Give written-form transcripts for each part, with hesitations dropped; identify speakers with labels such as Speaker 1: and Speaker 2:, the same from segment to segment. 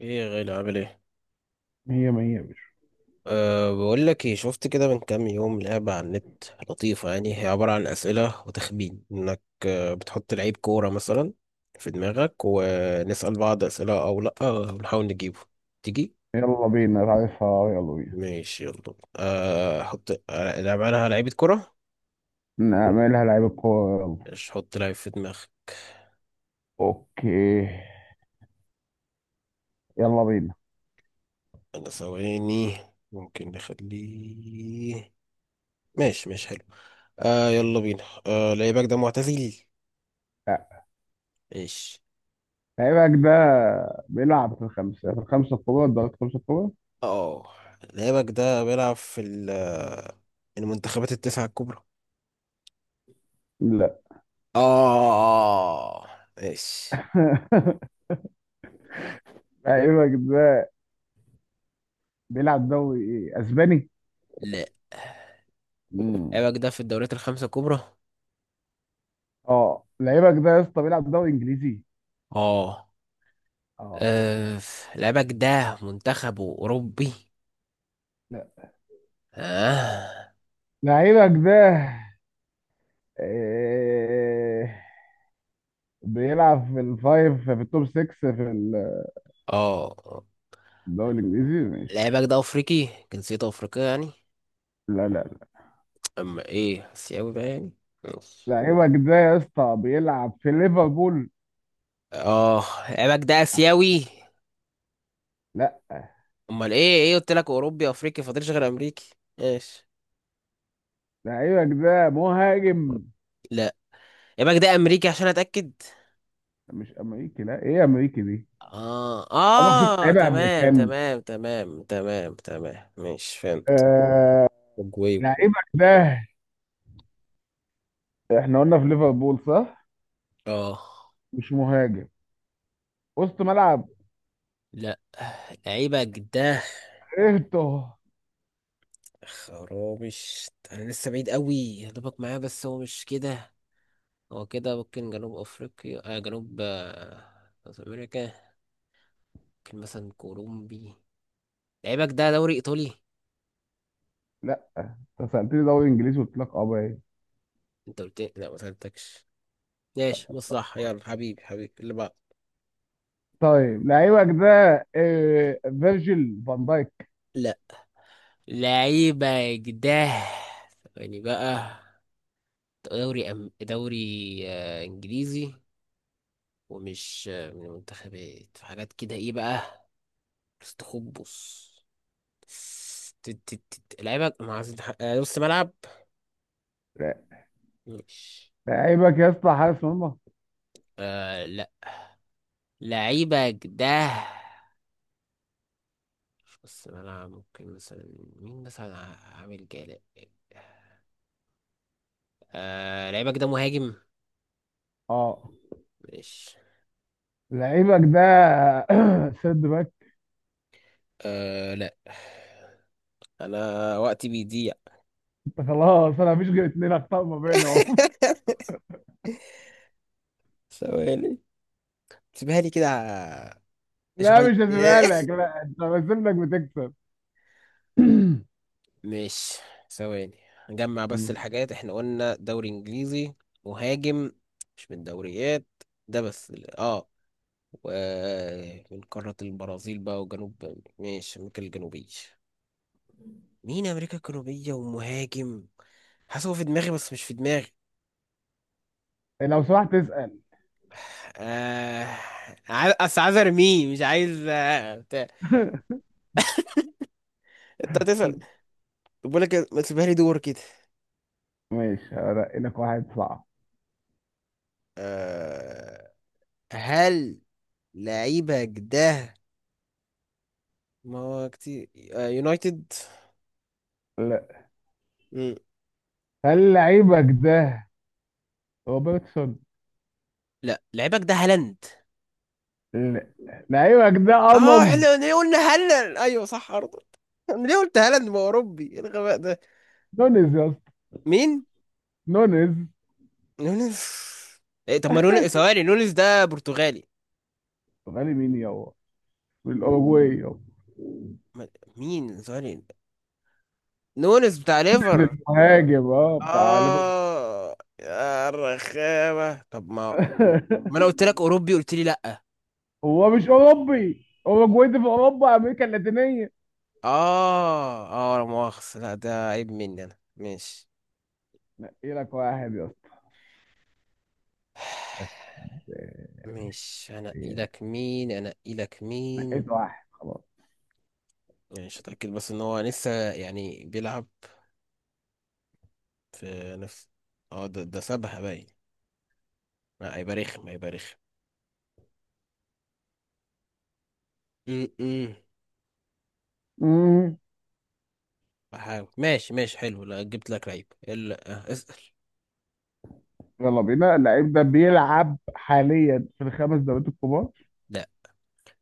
Speaker 1: ايه يا غالي، عامل ايه؟
Speaker 2: هي ما هي يا باشا.
Speaker 1: أه، بقول لك ايه، شفت كده من كام يوم لعبة على النت لطيفة، يعني هي عبارة عن أسئلة وتخمين انك بتحط لعيب كورة مثلا في دماغك ونسأل بعض أسئلة او لا ونحاول نجيبه. تيجي؟
Speaker 2: يلا بينا، عارفها، يلا بينا.
Speaker 1: ماشي يلا أه حط، نلعب عليها لعيبة كورة.
Speaker 2: نعملها لعيب الكورة، يلا.
Speaker 1: مش حط لعيب في دماغك.
Speaker 2: اوكي. يلا بينا.
Speaker 1: انا ثواني، ممكن نخليه. ماشي ماشي، حلو. أه يلا بينا. أه لعيبك ده معتزل؟
Speaker 2: لا،
Speaker 1: ماشي.
Speaker 2: لعيبك ده بيلعب في الخمسة الكبار، درجة الخمسة الكبار؟
Speaker 1: اه لعيبك ده بيلعب في المنتخبات التسعة الكبرى؟
Speaker 2: لا.
Speaker 1: اه، ماشي.
Speaker 2: لعيبك ده بيلعب دوري، ايه، اسباني؟
Speaker 1: لا
Speaker 2: مم.
Speaker 1: لعيبك ده في الدوريات الخمسة الكبرى؟
Speaker 2: اه، لعيبك ده يا اسطى بيلعب دوري انجليزي.
Speaker 1: اه.
Speaker 2: اه.
Speaker 1: آه، لعيبك ده منتخبه أوروبي؟
Speaker 2: لا.
Speaker 1: اه.
Speaker 2: لعيبك ده إيه... بيلعب في التوب 6 في
Speaker 1: اه
Speaker 2: الدوري الانجليزي،
Speaker 1: لعيبك
Speaker 2: ماشي.
Speaker 1: ده أفريقي، جنسيته أفريقية يعني؟
Speaker 2: لا، لا.
Speaker 1: أما إيه، آسيوي بقى يعني؟ ماشي.
Speaker 2: لعيبك ده يا اسطى بيلعب في ليفربول.
Speaker 1: اه لعيبك ده آسيوي؟
Speaker 2: لا.
Speaker 1: أمال إيه، قلت لك أوروبي أفريقي، فاضلش غير أمريكي. ماشي.
Speaker 2: لعيبك ده مهاجم؟
Speaker 1: لا يبقى ده امريكي عشان اتاكد.
Speaker 2: مش امريكي، لا، ايه امريكي دي؟
Speaker 1: اه
Speaker 2: عمرك شفت
Speaker 1: اه
Speaker 2: لعيبه
Speaker 1: تمام
Speaker 2: امريكان؟
Speaker 1: تمام تمام تمام تمام، ماشي فهمت.
Speaker 2: آه.
Speaker 1: اوروجواي وكولومبيا.
Speaker 2: لعيبك ده، احنا قلنا في ليفربول صح؟
Speaker 1: اه
Speaker 2: مش مهاجم، وسط ملعب؟
Speaker 1: لا، لعيبه ده
Speaker 2: ايرتو.
Speaker 1: خرابش، انا لسه بعيد قوي هضربك معاه، بس هو مش كده. هو كده ممكن جنوب افريقيا، جنوب، ساوث امريكا. ممكن مثلا كولومبي. لعيبك ده دوري ايطالي؟
Speaker 2: لا. انت سالتني دوري انجليزي، قلت لك اه، ايه؟
Speaker 1: انت قلت لي؟ لا ما سالتكش. ماشي مصلحة، يلا حبيبي حبيبي اللي بعد.
Speaker 2: طيب لعيبك ده فيرجيل فان دايك؟
Speaker 1: لا لعيبة جداه يعني بقى، دوري إنجليزي، ومش من المنتخبات، في حاجات كده إيه بقى؟ استخبص. ت- ت- ت- لعيبة ما عايز نص ملعب،
Speaker 2: لا.
Speaker 1: مش
Speaker 2: لعيبك يا اسطى حارس مرمى؟
Speaker 1: لا. لعيبة جداه مش نص ملعب، ممكن مثلا مين مثلا، عامل جالا. لعيبة جداه مهاجم،
Speaker 2: اه.
Speaker 1: مش
Speaker 2: لعيبك ده سيرد باك؟
Speaker 1: لا. أنا وقتي بيضيع.
Speaker 2: خلاص، انا مفيش غير اتنين اخطاء ما بينهم.
Speaker 1: ثواني، سيبها لي كده
Speaker 2: لا،
Speaker 1: شوية.
Speaker 2: مش هسيبها لك. لا، انت بسيب لك بتكسب.
Speaker 1: ماشي، ثواني، نجمع بس
Speaker 2: مم.
Speaker 1: الحاجات. احنا قلنا دوري انجليزي، مهاجم، مش من الدوريات ده، بس ومن قارة البرازيل بقى، وجنوب، ماشي امريكا الجنوبية. مين امريكا الجنوبية ومهاجم، حاسس هو في دماغي بس مش في دماغي.
Speaker 2: لو سمحت تسأل.
Speaker 1: آه عايز، اصل عايز ارميه، مش عايز بتاع. انت هتسأل. طب بقول لك ما تسيبها لي دور كده.
Speaker 2: ماشي، هرقي لك واحد صعب.
Speaker 1: آه، هل لعيبك ده، ما هو كتير، يونايتد؟
Speaker 2: لا.
Speaker 1: مم.
Speaker 2: هل لعيبك ده روبرتسون؟
Speaker 1: لا لعيبك ده هالاند.
Speaker 2: لا. لعيبك ده
Speaker 1: اه
Speaker 2: ارنولد؟
Speaker 1: احنا ليه قلنا هالاند، ايوه صح ارض. انا ليه قلت هالاند، ما هو اوروبي، ايه الغباء ده؟
Speaker 2: نونيز يا اسطى.
Speaker 1: مين؟
Speaker 2: نونيز.
Speaker 1: نونس؟ إيه طب ما نونس، ثواني، نونس ده برتغالي.
Speaker 2: غالي مين يابا؟ من الاوروجواي يابا.
Speaker 1: ما- مين؟ ثواني، نونس بتاع
Speaker 2: نونيز
Speaker 1: ليفر.
Speaker 2: المهاجم، اه، بتاع ليفربول.
Speaker 1: اه يا رخامه، طب ما انا قلت لك اوروبي قلت لي لا.
Speaker 2: هو مش اوروبي، اوروجواي دي في اوروبا؟ امريكا اللاتينيه.
Speaker 1: اه اه لا مؤاخذة، لا ده عيب مني انا، ماشي.
Speaker 2: نقي لك واحد يا...
Speaker 1: مش هنقي
Speaker 2: إيه،
Speaker 1: لك، مين هنقي لك، مين؟
Speaker 2: نقيت واحد خلاص.
Speaker 1: يعني مش هتأكد بس ان هو لسه يعني بيلعب في نفس. اه ده سابها باين، ما هيبقى رخم هيبقى رخم. م- م.
Speaker 2: مم.
Speaker 1: بحاول ماشي ماشي، حلو. لا جبت لك لعيب، لا اسأل.
Speaker 2: يلا بينا، اللعيب ده بيلعب حاليا في الخمس دوريات الكبار؟
Speaker 1: لا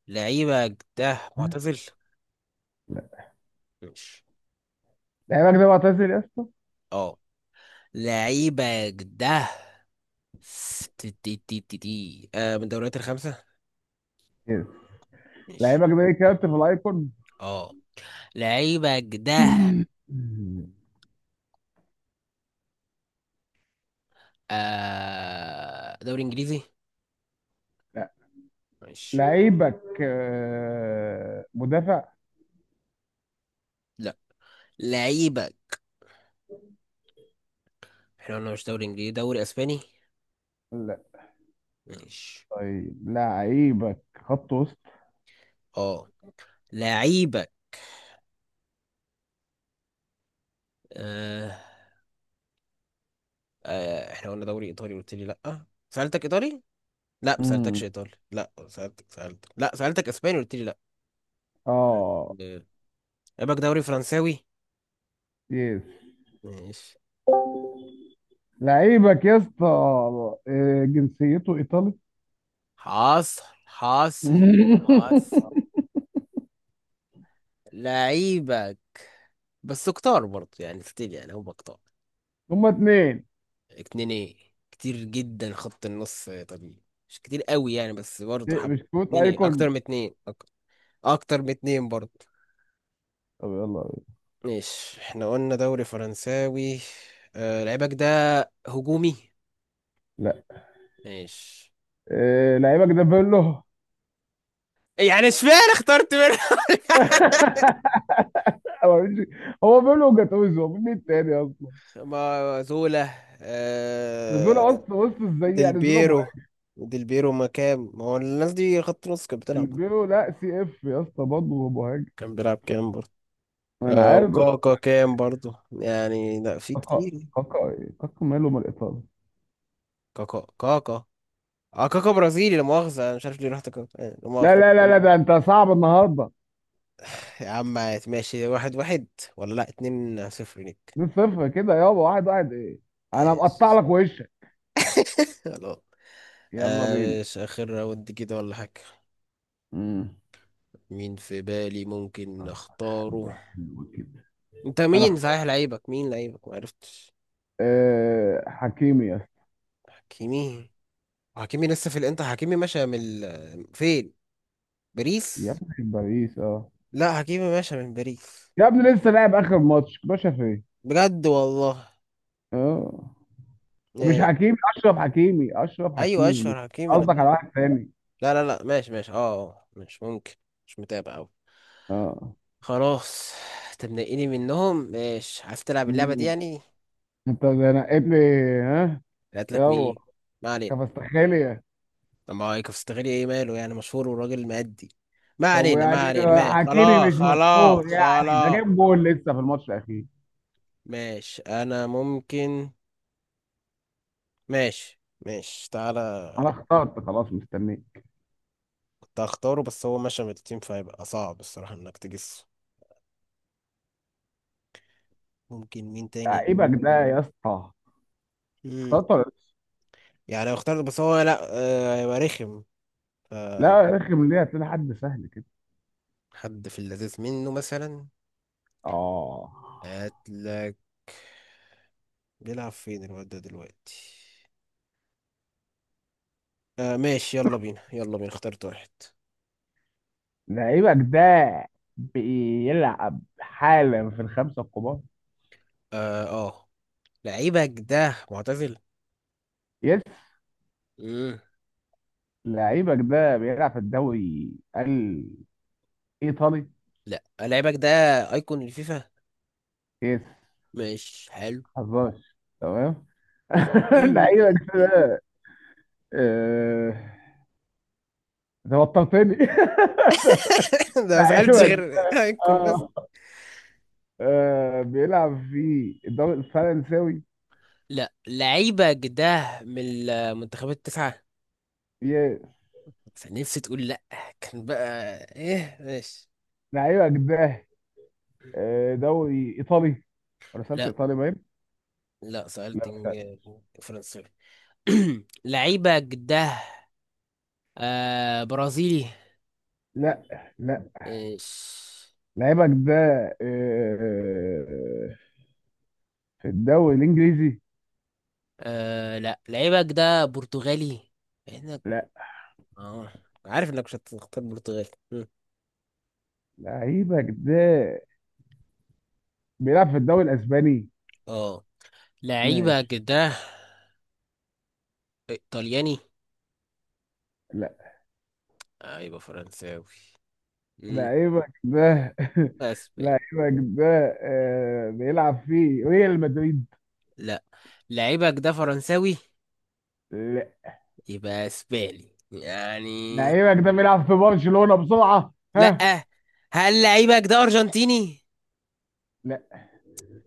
Speaker 1: لعيبك ده معتزل؟
Speaker 2: لا.
Speaker 1: مش
Speaker 2: لعيبك ده معتزل يا اسطى؟
Speaker 1: اه لعيبك ده تي تي تي تي تي. من الدوريات الخمسة؟
Speaker 2: يس.
Speaker 1: مش
Speaker 2: لعيبك ده كابتن في الايكون؟
Speaker 1: اه لعيبك ده
Speaker 2: مم.
Speaker 1: دوري انجليزي؟
Speaker 2: لا.
Speaker 1: ماشي.
Speaker 2: لعيبك مدافع؟
Speaker 1: لا لعيبك، احنا قلنا مش دوري انجليزي، دوري اسباني؟
Speaker 2: لا.
Speaker 1: ماشي.
Speaker 2: طيب لعيبك خط وسط؟
Speaker 1: اه لعيبك آه. احنا قلنا دوري ايطالي قلت لي لا، سألتك ايطالي؟ لا ما سألتكش
Speaker 2: امم،
Speaker 1: ايطالي، لا سألتك، لا سألتك اسباني قلت لي لا.
Speaker 2: اه.
Speaker 1: آه، لعيبك دوري فرنساوي؟
Speaker 2: يس.
Speaker 1: ماشي
Speaker 2: لعيبك يا اسطى جنسيته ايطالي.
Speaker 1: حاصل حاصل حاصل. لعيبك، بس كتار برضه يعني ستيل، يعني هم كتار.
Speaker 2: هما اتنين.
Speaker 1: اتنين ايه؟ كتير جدا خط النص طبيعي، مش كتير قوي يعني، بس برضه
Speaker 2: إيه،
Speaker 1: حب.
Speaker 2: بسكوت
Speaker 1: اتنين ايه؟ اكتر
Speaker 2: ايكون.
Speaker 1: من اتنين، اكتر من اتنين برضه.
Speaker 2: طب يلا.
Speaker 1: ماشي احنا قلنا دوري فرنساوي، آه لعيبك ده هجومي. ماشي.
Speaker 2: إيه، لعيبك ده بيرلو؟
Speaker 1: يعني اشمعنى اخترت منها؟
Speaker 2: هو مش- هو بيرلو وجاتوزو، هو مين التاني اصلا؟
Speaker 1: ما زولا؟
Speaker 2: نزوله،
Speaker 1: آه،
Speaker 2: آه. اصلا بص ازاي
Speaker 1: ديل
Speaker 2: يعني نزوله
Speaker 1: بيرو.
Speaker 2: مهاجم؟
Speaker 1: ديل بيرو، ما كام، ما هو الناس دي خط نص كانت بتلعب.
Speaker 2: البيرلو لا سي اف يا اسطى برضه هو مهاجم.
Speaker 1: كان بيلعب كام برضه.
Speaker 2: انا
Speaker 1: آه
Speaker 2: عارف بس.
Speaker 1: وكاكا كام برضه يعني، لا في
Speaker 2: كاكا.
Speaker 1: كتير.
Speaker 2: كاكا إيه؟ كاكا ماله من الايطالي؟
Speaker 1: كاكا. اه كاكا برازيلي، لا مؤاخذة، انا مش عارف ليه رحت كاكا، لا
Speaker 2: لا،
Speaker 1: مؤاخذة.
Speaker 2: لا، لا، لا، ده انت صعب النهارده.
Speaker 1: يا عم ماشي، 1-1. ولا لا، 2-0 ليك.
Speaker 2: 2 صفر كده يابا، واحد واحد ايه؟ انا مقطع
Speaker 1: ايش؟
Speaker 2: لك وشك.
Speaker 1: خلاص.
Speaker 2: يلا بينا.
Speaker 1: آه، مش اخر راوند كده ولا حاجة؟
Speaker 2: امم.
Speaker 1: مين في بالي ممكن
Speaker 2: حد
Speaker 1: اختاره؟
Speaker 2: حلو كده.
Speaker 1: انت
Speaker 2: انا
Speaker 1: مين
Speaker 2: اختار.
Speaker 1: صحيح، لعيبك مين، لعيبك ما عرفتش.
Speaker 2: أه، حكيمي يا اسطى.
Speaker 1: حكيمي؟ حكيمي لسه في الانتر، حكيمي ماشي من فين؟
Speaker 2: يا
Speaker 1: باريس؟
Speaker 2: ابني في باريس، اه.
Speaker 1: لا حكيمي ماشي من باريس.
Speaker 2: يا ابني لسه لاعب اخر ماتش، باشا، فين؟
Speaker 1: بجد والله.
Speaker 2: اه. مش
Speaker 1: آه،
Speaker 2: حكيمي، اشرف حكيمي، اشرف
Speaker 1: ايوه
Speaker 2: حكيمي مش...
Speaker 1: اشهر حكيمي انا.
Speaker 2: قصدك
Speaker 1: لا
Speaker 2: على واحد تاني؟
Speaker 1: لا لا، ماشي ماشي، اه مش ممكن، مش متابع أوي.
Speaker 2: اه.
Speaker 1: خلاص. تبنقيني منهم؟ ماشي، عايز تلعب اللعبة دي
Speaker 2: مم.
Speaker 1: يعني.
Speaker 2: انت ده نقيت لي؟ ها؟
Speaker 1: لقيت لك
Speaker 2: يلا.
Speaker 1: مين؟ ما علينا.
Speaker 2: كفاستخيليا.
Speaker 1: طب ما هو كفتغيري، ايه ماله يعني، مشهور وراجل مأدي. ما
Speaker 2: طب
Speaker 1: علينا ما
Speaker 2: يعني
Speaker 1: علينا، ماشي
Speaker 2: حكيمي
Speaker 1: خلاص
Speaker 2: مش
Speaker 1: خلاص
Speaker 2: مشهور؟ يعني ده
Speaker 1: خلاص.
Speaker 2: جايب جول لسه في الماتش الاخير.
Speaker 1: ماشي انا ممكن. ماشي، ماشي تعالى.
Speaker 2: انا اخترت خلاص، مستنيك.
Speaker 1: كنت هختاره بس هو مشى من التيم، فهيبقى صعب الصراحة انك تجس. ممكن مين تاني؟
Speaker 2: لعيبك ده يا اسطى.
Speaker 1: مم.
Speaker 2: اخترت ولا لسه؟
Speaker 1: يعني اختار بس هو لا، هيبقى رخم.
Speaker 2: لا، رخم ليه؟ هتلاقي حد سهل كده.
Speaker 1: حد في اللذيذ منه مثلا.
Speaker 2: اه.
Speaker 1: هاتلك. بيلعب فين الواد ده دلوقتي؟ آه ماشي، يلا بينا يلا بينا، اخترت واحد.
Speaker 2: لعيبك ده بيلعب حالا في الخمسه الكبار؟
Speaker 1: اه. اه لعيبك ده معتزل؟
Speaker 2: يس.
Speaker 1: مم.
Speaker 2: لعيبك ده بيلعب في الدوري الإيطالي؟
Speaker 1: لا لعيبك ده ايكون الفيفا.
Speaker 2: يس.
Speaker 1: ماشي حلو.
Speaker 2: حظاش. تمام. لعيبك ده. آه، توترتني.
Speaker 1: ده ما سألتش
Speaker 2: لعيبك
Speaker 1: غير ايكون بس.
Speaker 2: اه بيلعب في الدوري الفرنساوي؟
Speaker 1: لا لعيبك ده من المنتخبات التسعة،
Speaker 2: يس.
Speaker 1: بس أنا نفسي تقول لا كان، بقى ايه، ماشي.
Speaker 2: لعيبك ده دوري إيطالي، رسالة
Speaker 1: لا
Speaker 2: إيطالي باين.
Speaker 1: لا،
Speaker 2: لا، مش عارف.
Speaker 1: فرنسا. لعيبة جده آه برازيلي؟
Speaker 2: لا. لا.
Speaker 1: إيش.
Speaker 2: لعيبك ده آه، في الدوري الإنجليزي؟
Speaker 1: آه لا لعيبة جده برتغالي، احنا
Speaker 2: لا.
Speaker 1: اه عارف انك مش هتختار برتغالي. مم.
Speaker 2: لعيبك ده بيلعب في الدوري الاسباني؟
Speaker 1: اه لعيبة
Speaker 2: ماشي.
Speaker 1: جده ايطالياني؟
Speaker 2: لا.
Speaker 1: آه يبقى فرنساوي. مم.
Speaker 2: لعيبك ده.
Speaker 1: يبقى اسباني.
Speaker 2: لعيبك ده بيلعب في ريال مدريد؟
Speaker 1: لا لعيبة جده فرنساوي،
Speaker 2: لا.
Speaker 1: يبقى اسباني يعني.
Speaker 2: لعيبك ده بيلعب في برشلونة، بسرعة، ها؟
Speaker 1: لا. هل لعيبك ده ارجنتيني؟
Speaker 2: لا.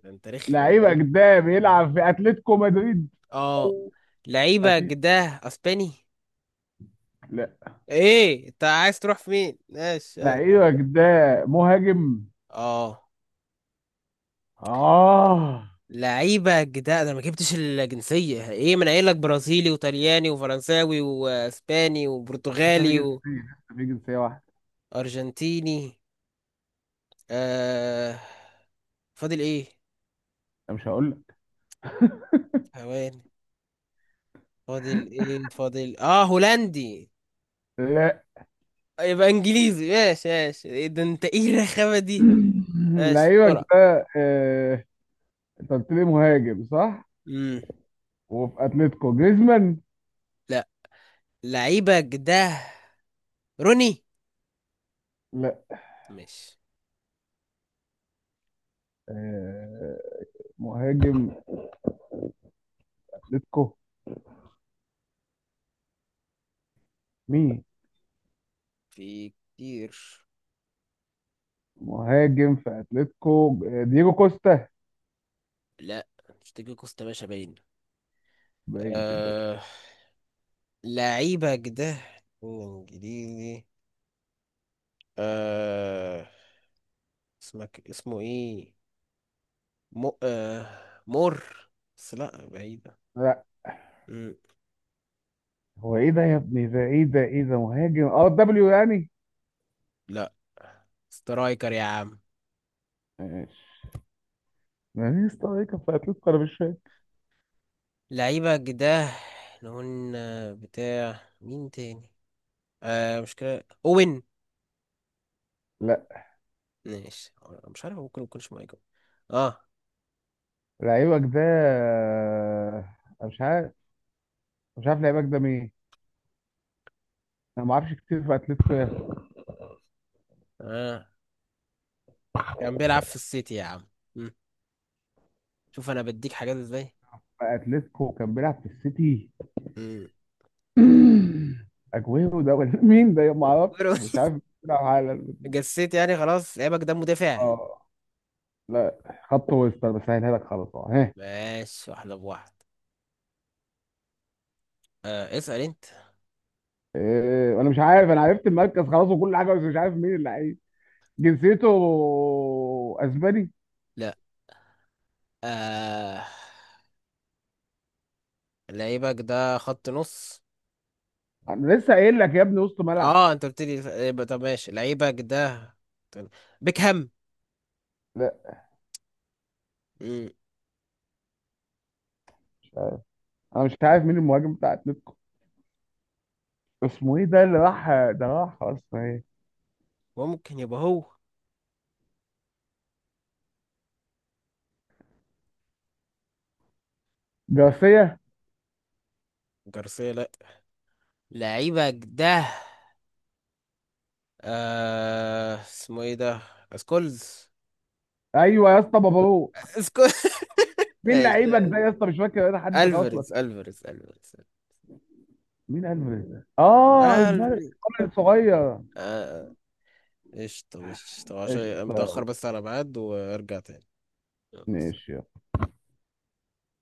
Speaker 1: ده انت رخم.
Speaker 2: لعيبك ده بيلعب في اتلتيكو مدريد؟
Speaker 1: اه لعيبك
Speaker 2: اكيد.
Speaker 1: ده اسباني.
Speaker 2: لا.
Speaker 1: ايه انت عايز تروح فين، ماشي يلا.
Speaker 2: لعيبك ده مهاجم؟
Speaker 1: اه
Speaker 2: اه.
Speaker 1: لعيبة جداد، انا ما جبتش الجنسية، ايه من قايل لك برازيلي وطلياني وفرنساوي واسباني
Speaker 2: لسه في
Speaker 1: وبرتغالي
Speaker 2: جنسية لسه في جنسية واحدة.
Speaker 1: وارجنتيني. آه فاضل ايه؟
Speaker 2: أنا مش هقول لك.
Speaker 1: ثواني، فاضل ايه، فاضل اه هولندي؟
Speaker 2: لا.
Speaker 1: يبقى انجليزي، ماشي ماشي إيه ده، انت ايه الرخامة دي؟ ماشي
Speaker 2: لعيبك
Speaker 1: بسرعة.
Speaker 2: ده انت قلت لي مهاجم، صح؟
Speaker 1: امم.
Speaker 2: وفي اتلتيكو جريزمان؟
Speaker 1: لا لعيبة جداد روني.
Speaker 2: لا.
Speaker 1: ماشي.
Speaker 2: آه، مهاجم اتلتيكو مين؟
Speaker 1: في كتير.
Speaker 2: مهاجم في اتلتيكو دييجو كوستا؟
Speaker 1: لا مش تيجي كوستا، باشا باين.
Speaker 2: باين كده.
Speaker 1: آه... لعيبك ده انجليزي. آه... اسمك، اسمه ايه، مر، بس لا بعيدة.
Speaker 2: لا.
Speaker 1: مم.
Speaker 2: هو ايه ده يا ابني، ده ايه، ده ايه، ده مهاجم، اه دبليو يعني؟
Speaker 1: لا سترايكر يا عم.
Speaker 2: ماشي. ما مين سترايكر في اتلتيكو، انا مش فاهم.
Speaker 1: لعيبك ده، احنا قلنا بتاع مين تاني؟ آه مش كده اوين.
Speaker 2: لا.
Speaker 1: ماشي مش عارف، ممكن يكونش مايكل. اه.
Speaker 2: لعيبك ده، أنا مش عارف. مش عارف لعيبك ده مين. انا ما اعرفش كتير في اتلتيكو يا أخي.
Speaker 1: اه كان بيلعب في السيتي يا عم. مم. شوف انا بديك حاجات ازاي.
Speaker 2: في اتلتيكو كان بيلعب في السيتي؟
Speaker 1: مم.
Speaker 2: اجويرو ده، ولا مين ده؟ ما اعرفش، مش عارف بيلعب على...
Speaker 1: جسيت يعني خلاص. لعيبك ده مدافع؟
Speaker 2: اه. لا. خط وسط، بسهلها لك خلاص، اهو ها.
Speaker 1: ماشي واحدة بواحد. آه اسأل انت.
Speaker 2: إيه، انا مش عارف، انا عرفت المركز خلاص وكل حاجه بس مش عارف مين اللعيب. جنسيته اسباني؟
Speaker 1: لا. آه لعيبك ده خط نص.
Speaker 2: انا لسه قايل لك يا ابني، وسط ملعب.
Speaker 1: اه انت قلت لي، يبقى طب ماشي. لعيبك ده بيكهام؟
Speaker 2: لا.
Speaker 1: مم،
Speaker 2: انا مش عارف مين المهاجم بتاع اتلتيكو. اسمه ايه ده؟ اللي راح ده، راح اصلا ايه؟
Speaker 1: ممكن يبقى هو.
Speaker 2: جارسيا؟
Speaker 1: جارسيا؟ لا. لعيبك ده، اسمه ايه ده، سكولز؟
Speaker 2: ايوه يا اسطى بابالو.
Speaker 1: سكولز.
Speaker 2: مين لعيبك ده
Speaker 1: ماشي.
Speaker 2: يا اسطى؟ مش فاكر انا حد، خلاص
Speaker 1: الفاريز،
Speaker 2: وقت.
Speaker 1: الفاريز، الفاريز،
Speaker 2: مين الفاريز ده؟ اه، الفاريز
Speaker 1: الفاريز.
Speaker 2: الصغير.
Speaker 1: قشطة قشطة، عشان
Speaker 2: قشطه.
Speaker 1: متأخر بس على ميعاد، وارجع تاني. يلا.
Speaker 2: ماشي.